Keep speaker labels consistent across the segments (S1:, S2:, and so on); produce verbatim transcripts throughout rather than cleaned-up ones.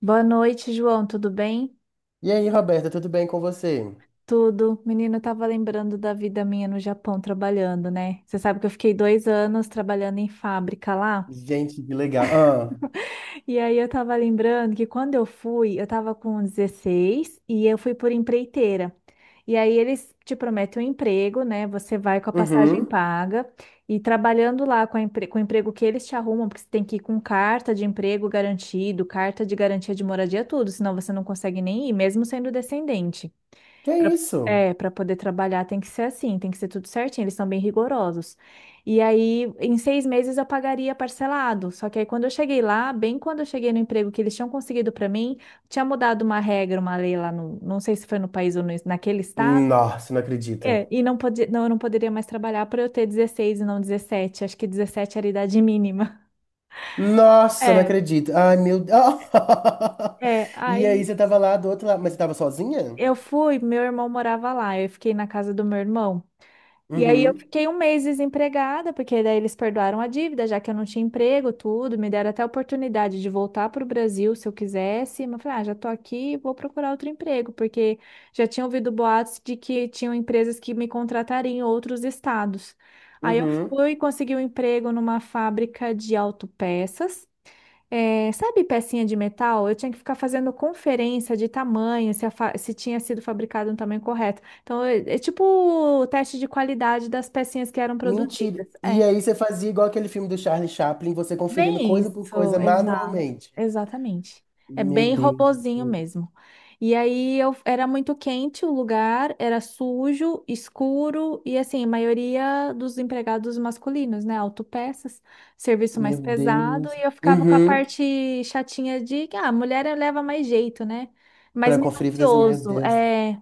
S1: Boa noite, João. Tudo bem?
S2: E aí, Roberta, tudo bem com você?
S1: Tudo. Menino, eu tava lembrando da vida minha no Japão trabalhando, né? Você sabe que eu fiquei dois anos trabalhando em fábrica lá.
S2: Gente, que legal. Ah,
S1: E aí eu tava lembrando que quando eu fui, eu tava com dezesseis e eu fui por empreiteira. E aí eles te prometem um emprego, né? Você vai com a passagem
S2: uhum.
S1: paga e trabalhando lá com, a empre- com o emprego que eles te arrumam, porque você tem que ir com carta de emprego garantido, carta de garantia de moradia, tudo, senão você não consegue nem ir, mesmo sendo descendente.
S2: Que
S1: Pra-
S2: isso?
S1: É, para poder trabalhar tem que ser assim, tem que ser tudo certinho, eles são bem rigorosos. E aí, em seis meses eu pagaria parcelado. Só que aí, quando eu cheguei lá, bem quando eu cheguei no emprego que eles tinham conseguido para mim, tinha mudado uma regra, uma lei lá no, não sei se foi no país ou no- naquele estado,
S2: Nossa, não
S1: é,
S2: acredito.
S1: e não podia, não, eu não poderia mais trabalhar para eu ter dezesseis e não dezessete. Acho que dezessete era a idade mínima.
S2: Nossa, não
S1: É,
S2: acredito. Ai, meu Deus.
S1: é.
S2: E aí,
S1: Aí
S2: você tava lá do outro lado, mas você tava sozinha?
S1: eu fui, meu irmão morava lá, eu fiquei na casa do meu irmão. E aí eu
S2: Uhum,
S1: fiquei um mês desempregada, porque daí eles perdoaram a dívida, já que eu não tinha emprego, tudo, me deram até a oportunidade de voltar para o Brasil se eu quisesse, mas eu falei, ah, já tô aqui, vou procurar outro emprego, porque já tinha ouvido boatos de que tinham empresas que me contratariam em outros estados. Aí eu
S2: uhum.
S1: fui e consegui um emprego numa fábrica de autopeças. É, sabe pecinha de metal? Eu tinha que ficar fazendo conferência de tamanho, se, a fa- se tinha sido fabricado no tamanho correto. Então, é, é tipo o teste de qualidade das pecinhas que eram
S2: Mentira.
S1: produzidas.
S2: E
S1: É.
S2: aí, você fazia igual aquele filme do Charlie Chaplin, você conferindo
S1: Bem
S2: coisa por
S1: isso,
S2: coisa
S1: exato,
S2: manualmente.
S1: exatamente. É
S2: Meu
S1: bem
S2: Deus,
S1: robozinho mesmo. E aí eu era muito quente o lugar, era sujo, escuro e assim, a maioria dos empregados masculinos, né, autopeças, serviço mais
S2: meu
S1: pesado,
S2: Deus.
S1: e eu ficava com a
S2: Uhum.
S1: parte chatinha de que ah, mulher leva mais jeito, né? Mais
S2: Pra conferir, fazer isso, meu
S1: minucioso,
S2: Deus.
S1: é.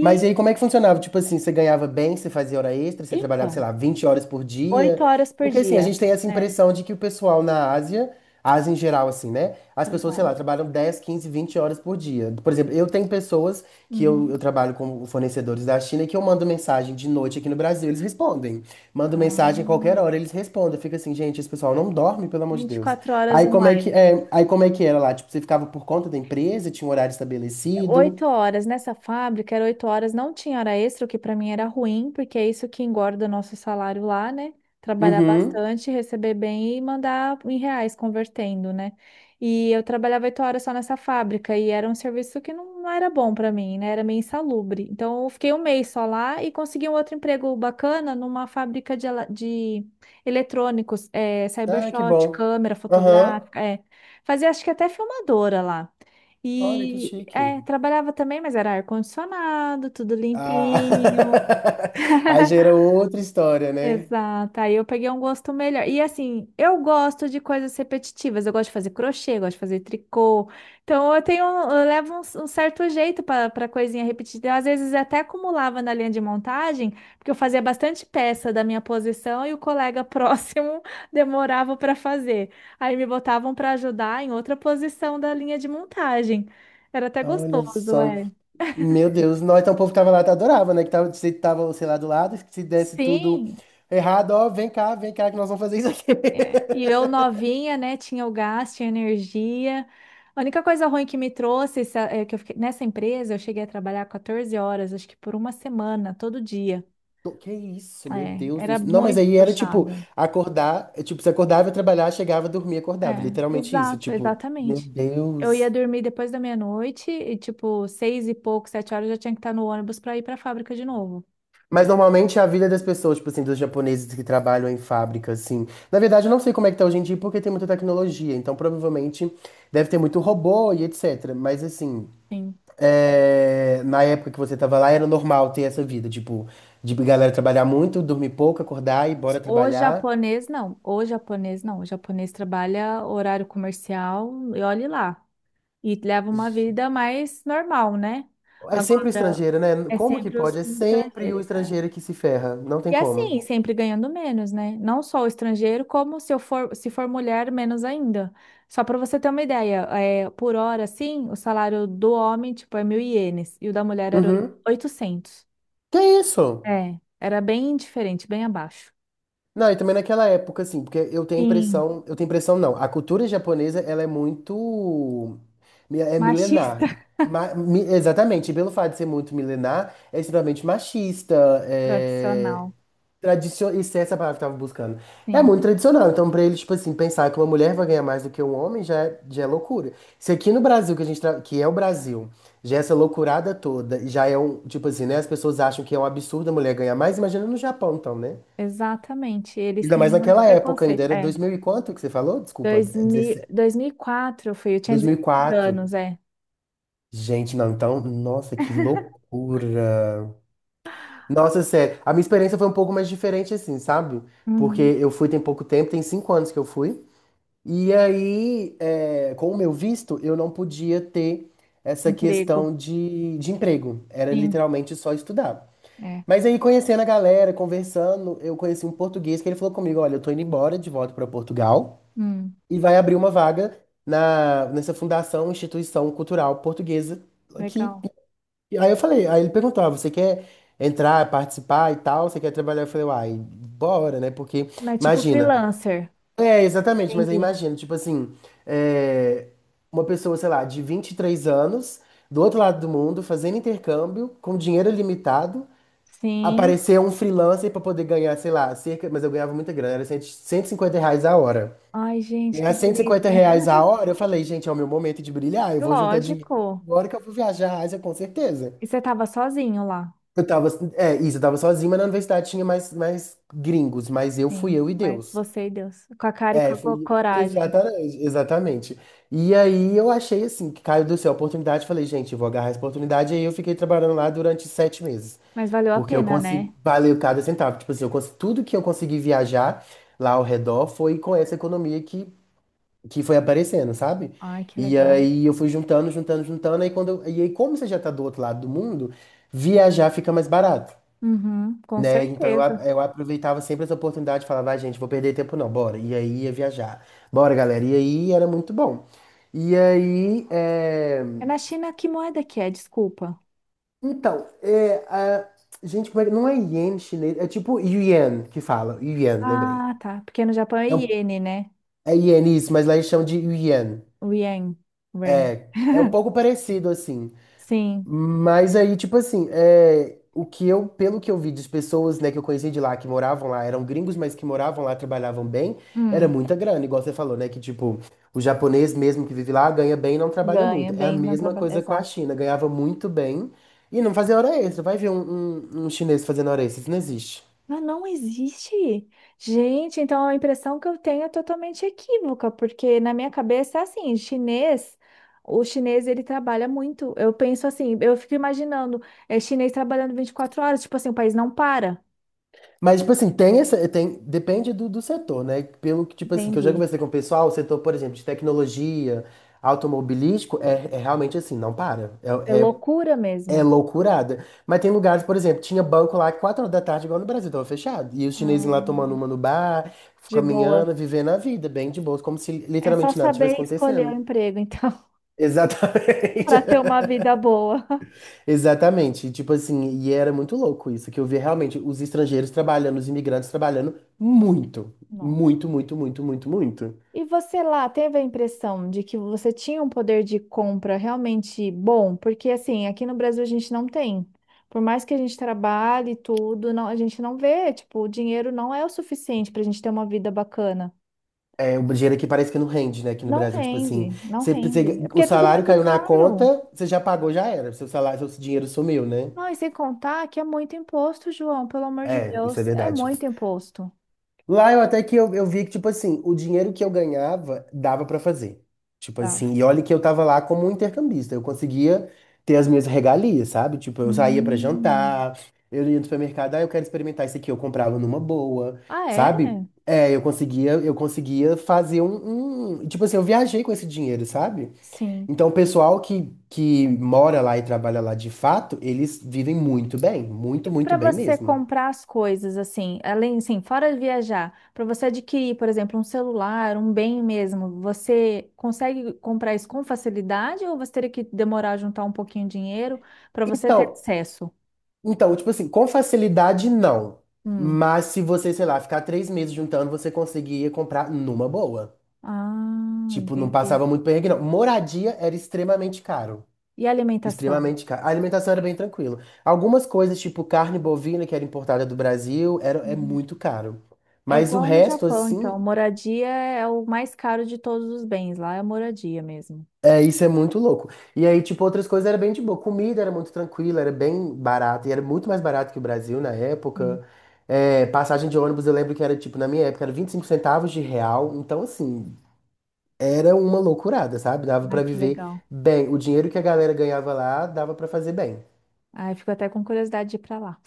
S2: Mas e aí, como é que funcionava? Tipo assim, você ganhava bem, você fazia hora extra, você trabalhava, sei
S1: então,
S2: lá, vinte horas por
S1: oito
S2: dia?
S1: horas por
S2: Porque assim, a
S1: dia.
S2: gente tem essa
S1: É,
S2: impressão de que o pessoal na Ásia, Ásia em geral, assim, né? As pessoas, sei
S1: trabalho.
S2: lá, trabalham dez quinze vinte horas por dia. Por exemplo, eu tenho pessoas que eu, eu
S1: Uhum.
S2: trabalho com fornecedores da China e que eu mando mensagem de noite aqui no Brasil, eles respondem. Mando
S1: Ah,
S2: mensagem a qualquer hora, eles respondem. Fica assim, gente, esse pessoal não dorme, pelo amor de
S1: vinte e
S2: Deus.
S1: quatro horas
S2: Aí como é que, é, aí como é que era lá? Tipo, você ficava por conta da empresa, tinha um horário estabelecido?
S1: Oito horas nessa fábrica, era oito horas, não tinha hora extra, o que para mim era ruim, porque é isso que engorda o nosso salário lá, né? Trabalhar
S2: Uhum.
S1: bastante, receber bem e mandar em reais convertendo, né? E eu trabalhava oito horas só nessa fábrica e era um serviço que não, não era bom para mim, né? Era meio insalubre. Então eu fiquei um mês só lá e consegui um outro emprego bacana numa fábrica de, ela- de eletrônicos, é,
S2: Ah, que
S1: cybershot,
S2: bom.
S1: câmera
S2: Aham.
S1: fotográfica, é. Fazia acho que até filmadora lá.
S2: Olha que
S1: E
S2: chique.
S1: é, trabalhava também, mas era ar-condicionado, tudo
S2: Ah.
S1: limpinho.
S2: Aí gera outra história, né?
S1: Exato. Aí eu peguei um gosto melhor. E assim, eu gosto de coisas repetitivas. Eu gosto de fazer crochê, eu gosto de fazer tricô. Então eu tenho, eu levo um, um certo jeito para para coisinha repetida. Às vezes até acumulava na linha de montagem, porque eu fazia bastante peça da minha posição e o colega próximo demorava para fazer. Aí me botavam para ajudar em outra posição da linha de montagem. Era até
S2: Olha
S1: gostoso,
S2: só.
S1: é.
S2: Meu Deus. Nós então o povo que tava lá adorava, né? Que tava, se tava, sei lá, do lado, que se desse tudo
S1: Sim,
S2: errado, ó, vem cá, vem cá que nós vamos fazer isso aqui.
S1: e eu novinha, né? Tinha o gás, tinha energia. A única coisa ruim que me trouxe essa- é que eu fiquei, nessa empresa, eu cheguei a trabalhar quatorze horas, acho que por uma semana, todo dia.
S2: Tô- Que isso, meu
S1: É,
S2: Deus do
S1: era
S2: céu. Não, mas
S1: muito
S2: aí era tipo,
S1: puxado.
S2: acordar, é, tipo, você acordava, ia trabalhar, chegava, dormia, acordava.
S1: É,
S2: Literalmente isso.
S1: exato,
S2: Tipo, meu
S1: exatamente. Eu
S2: Deus.
S1: ia dormir depois da meia-noite e, tipo, seis e pouco, sete horas, eu já tinha que estar no ônibus para ir para a fábrica de novo.
S2: Mas normalmente é a vida das pessoas, tipo assim, dos japoneses que trabalham em fábrica, assim. Na verdade, eu não sei como é que tá hoje em dia, porque tem muita tecnologia. Então, provavelmente, deve ter muito robô e et cetera. Mas, assim,
S1: Sim.
S2: é, na época que você tava lá, era normal ter essa vida, tipo, de galera trabalhar muito, dormir pouco, acordar e bora
S1: O
S2: trabalhar.
S1: japonês, não. O japonês, não. O japonês trabalha horário comercial e olhe lá. E leva uma vida mais normal, né?
S2: É sempre o
S1: Agora
S2: estrangeiro, né?
S1: é
S2: Como que
S1: sempre os
S2: pode? É
S1: os
S2: sempre o
S1: estrangeiros, é.
S2: estrangeiro que se ferra. Não tem
S1: E assim,
S2: como.
S1: sempre ganhando menos, né? Não só o estrangeiro, como se eu for, se for mulher, menos ainda. Só para você ter uma ideia, é, por hora, assim, o salário do homem, tipo, é mil ienes, e o da mulher era oito-
S2: Uhum.
S1: oitocentos.
S2: Que isso?
S1: É, era bem diferente, bem abaixo.
S2: Não, e também naquela época, assim, porque eu tenho a
S1: Sim,
S2: impressão, eu tenho a impressão não, a cultura japonesa, ela é muito, mi- é
S1: machista
S2: milenar. Ma- mi- exatamente, e pelo fato de ser muito milenar, é extremamente machista, é,
S1: tradicional.
S2: tradicio- isso é essa palavra que eu tava buscando, é
S1: Sim,
S2: muito tradicional, então pra eles, tipo assim, pensar que uma mulher vai ganhar mais do que um homem já é, já é loucura. Se aqui no Brasil, que a gente, tra- que é o Brasil, já é essa loucurada toda, já é um, tipo assim, né, as pessoas acham que é um absurdo a mulher ganhar mais, imagina no Japão, então, né?
S1: exatamente. Eles
S2: Ainda
S1: têm
S2: mais
S1: muito
S2: naquela época ainda,
S1: preconceito.
S2: era
S1: É.
S2: dois mil e quanto que você falou? Desculpa,
S1: Dois
S2: é
S1: mil,
S2: dezesseis
S1: dois mil e quatro eu fui, eu tinha dezesseis
S2: dois mil e quatro.
S1: anos, é.
S2: Gente, não, então, nossa, que loucura. Nossa, sério, a minha experiência foi um pouco mais diferente assim, sabe? Porque
S1: Uhum.
S2: eu fui tem pouco tempo, tem cinco anos que eu fui. E aí, é, com o meu visto, eu não podia ter essa
S1: Emprego.
S2: questão de, de emprego. Era
S1: Sim,
S2: literalmente só estudar.
S1: é.
S2: Mas aí, conhecendo a galera, conversando, eu conheci um português que ele falou comigo, olha, eu tô indo embora de volta pra Portugal,
S1: Hum,
S2: e vai abrir uma vaga na, nessa fundação, instituição cultural portuguesa. Que,
S1: legal.
S2: aí eu falei, aí ele perguntou, ah, você quer entrar, participar e tal? Você quer trabalhar? Eu falei, uai, bora, né? Porque,
S1: Mas tipo
S2: imagina.
S1: freelancer.
S2: É, exatamente, mas aí
S1: Entendi.
S2: imagina, tipo assim, é, uma pessoa, sei lá, de vinte e três anos, do outro lado do mundo, fazendo intercâmbio, com dinheiro limitado,
S1: Sim.
S2: aparecer um freelancer para poder ganhar, sei lá, cerca, mas eu ganhava muita grana, era cento e cinquenta reais a hora.
S1: Ai, gente, que
S2: Ganhar 150
S1: delícia.
S2: reais a hora, eu falei, gente, é o meu momento de brilhar, eu vou juntar dinheiro
S1: Lógico.
S2: agora que eu vou viajar a Ásia, com certeza.
S1: E você tava sozinho lá.
S2: Eu tava, é, isso, eu tava sozinho, mas na universidade tinha mais, mais, gringos, mas eu fui
S1: Sim,
S2: eu e
S1: mas
S2: Deus.
S1: você e Deus. Com a cara e com
S2: É,
S1: a
S2: fui,
S1: co- coragem.
S2: exatamente, exatamente. E aí eu achei assim, que caiu do céu a oportunidade, falei, gente, eu vou agarrar essa oportunidade, e aí eu fiquei trabalhando lá durante sete meses,
S1: Mas valeu a
S2: porque eu
S1: pena, né?
S2: consegui, valeu cada centavo, tipo assim, eu consegui, tudo que eu consegui viajar lá ao redor foi com essa economia que que foi aparecendo, sabe?
S1: Ai, que
S2: E
S1: legal.
S2: aí eu fui juntando, juntando, juntando, aí quando eu- e aí como você já tá do outro lado do mundo, viajar fica mais barato,
S1: Uhum, com
S2: né? Então eu, a-
S1: certeza.
S2: eu aproveitava sempre essa oportunidade, falava, vai, gente, vou perder tempo não, bora. E aí ia viajar. Bora, galera. E aí era muito bom. E aí, é...
S1: É na China, que moeda que é? Desculpa.
S2: então, é, a... gente, como é que- não é iene chinês, é tipo yuan que fala, yuan, lembrei.
S1: Ah, tá. Porque no Japão é
S2: É, um...
S1: iene, né?
S2: é iene isso, mas lá eles chamam de yuan.
S1: O Yang. Ren.
S2: É é um pouco parecido assim.
S1: Sim.
S2: Mas aí, tipo assim, é, o que eu, pelo que eu vi das pessoas, né, que eu conheci de lá, que moravam lá, eram gringos, mas que moravam lá, trabalhavam bem, era
S1: Hum,
S2: muita grana, igual você falou, né, que tipo, o japonês mesmo que vive lá ganha bem e não trabalha
S1: ganha
S2: muito. É a
S1: bem no
S2: mesma
S1: trabalho.
S2: coisa com a
S1: Exato.
S2: China, ganhava muito bem e não fazia hora extra. Vai ver um, um, um chinês fazendo hora extra, isso não existe.
S1: Ah, não existe. Gente, então a impressão que eu tenho é totalmente equívoca, porque na minha cabeça é assim, chinês, o chinês ele trabalha muito. Eu penso assim, eu fico imaginando, é chinês trabalhando vinte e quatro horas, tipo assim, o país não para.
S2: Mas, tipo assim, tem essa, tem, depende do, do setor, né? Pelo que, tipo assim, que eu já
S1: Entendi.
S2: conversei com o pessoal, o setor, por exemplo, de tecnologia, automobilístico, é, é realmente assim, não para.
S1: É
S2: É, é
S1: loucura
S2: É
S1: mesmo.
S2: loucurada. Mas tem lugares, por exemplo, tinha banco lá que quatro horas da tarde, igual no Brasil, tava fechado. E os chineses lá tomando
S1: Hum,
S2: uma no bar,
S1: de boa.
S2: caminhando, vivendo a vida, bem de boa, como se
S1: É só
S2: literalmente nada tivesse
S1: saber escolher o
S2: acontecendo.
S1: emprego, então,
S2: Exatamente.
S1: para ter uma vida boa.
S2: Exatamente. E, tipo assim, e era muito louco isso, que eu via realmente os estrangeiros trabalhando, os imigrantes trabalhando muito.
S1: Nossa.
S2: Muito, muito, muito, muito, muito.
S1: E você lá teve a impressão de que você tinha um poder de compra realmente bom? Porque assim, aqui no Brasil a gente não tem. Por mais que a gente trabalhe e tudo, não, a gente não vê, tipo, o dinheiro não é o suficiente para a gente ter uma vida bacana.
S2: É, o dinheiro aqui parece que não rende, né, aqui no
S1: Não
S2: Brasil. Tipo assim,
S1: rende, não
S2: você,
S1: rende. É
S2: você-
S1: porque
S2: o
S1: é tudo
S2: salário
S1: muito
S2: caiu na
S1: caro.
S2: conta, você já pagou, já era. Seu salário, seu dinheiro sumiu, né?
S1: Não, e sem contar que é muito imposto, João, pelo amor de
S2: É, isso é
S1: Deus, é
S2: verdade.
S1: muito imposto.
S2: Lá eu até que eu, eu vi que, tipo assim, o dinheiro que eu ganhava dava pra fazer. Tipo
S1: Tá.
S2: assim, e olha que eu tava lá como um intercambista. Eu conseguia ter as minhas regalias, sabe? Tipo, eu saía pra
S1: Hum.
S2: jantar, eu ia no supermercado, ah, eu quero experimentar isso aqui, eu comprava numa boa,
S1: Ah,
S2: sabe?
S1: é?
S2: É, eu conseguia, eu conseguia fazer um, um- Tipo assim, eu viajei com esse dinheiro, sabe?
S1: Sim.
S2: Então, o pessoal que, que mora lá e trabalha lá de fato, eles vivem muito bem,
S1: E
S2: muito, muito
S1: para
S2: bem
S1: você
S2: mesmo.
S1: comprar as coisas, assim, além, assim, fora de viajar, para você adquirir, por exemplo, um celular, um bem mesmo, você consegue comprar isso com facilidade ou você teria que demorar a juntar um pouquinho de dinheiro para você ter
S2: Então,
S1: acesso?
S2: Então, tipo assim, com facilidade não.
S1: Hum.
S2: Mas se você, sei lá, ficar três meses juntando, você conseguia comprar numa boa.
S1: Ah,
S2: Tipo, não
S1: entendi.
S2: passava muito perrengue, não. Moradia era extremamente caro.
S1: E alimentação?
S2: Extremamente caro. A alimentação era bem tranquila. Algumas coisas, tipo carne bovina, que era importada do Brasil, era, é
S1: Uhum.
S2: muito caro.
S1: É
S2: Mas o
S1: igual no
S2: resto,
S1: Japão, então.
S2: assim,
S1: Moradia é o mais caro de todos os bens. Lá é moradia mesmo.
S2: é, isso é muito louco. E aí, tipo, outras coisas era bem de boa. Comida era muito tranquila, era bem barata. E era muito mais barato que o Brasil na
S1: Sim.
S2: época. É, passagem de ônibus, eu lembro que era, tipo, na minha época, era vinte e cinco centavos de real. Então, assim, era uma loucurada, sabe? Dava
S1: Ai,
S2: pra
S1: que
S2: viver
S1: legal.
S2: bem. O dinheiro que a galera ganhava lá, dava pra fazer bem.
S1: Ai, fico até com curiosidade de ir para lá.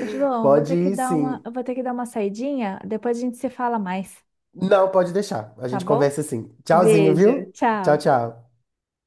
S1: Ô, João, vou
S2: Pode
S1: ter que
S2: ir,
S1: dar uma,
S2: sim.
S1: eu vou ter que dar uma saidinha, depois a gente se fala mais,
S2: Não, pode deixar. A
S1: tá
S2: gente
S1: bom?
S2: conversa assim. Tchauzinho,
S1: Beijo,
S2: viu? Tchau,
S1: tchau.
S2: tchau.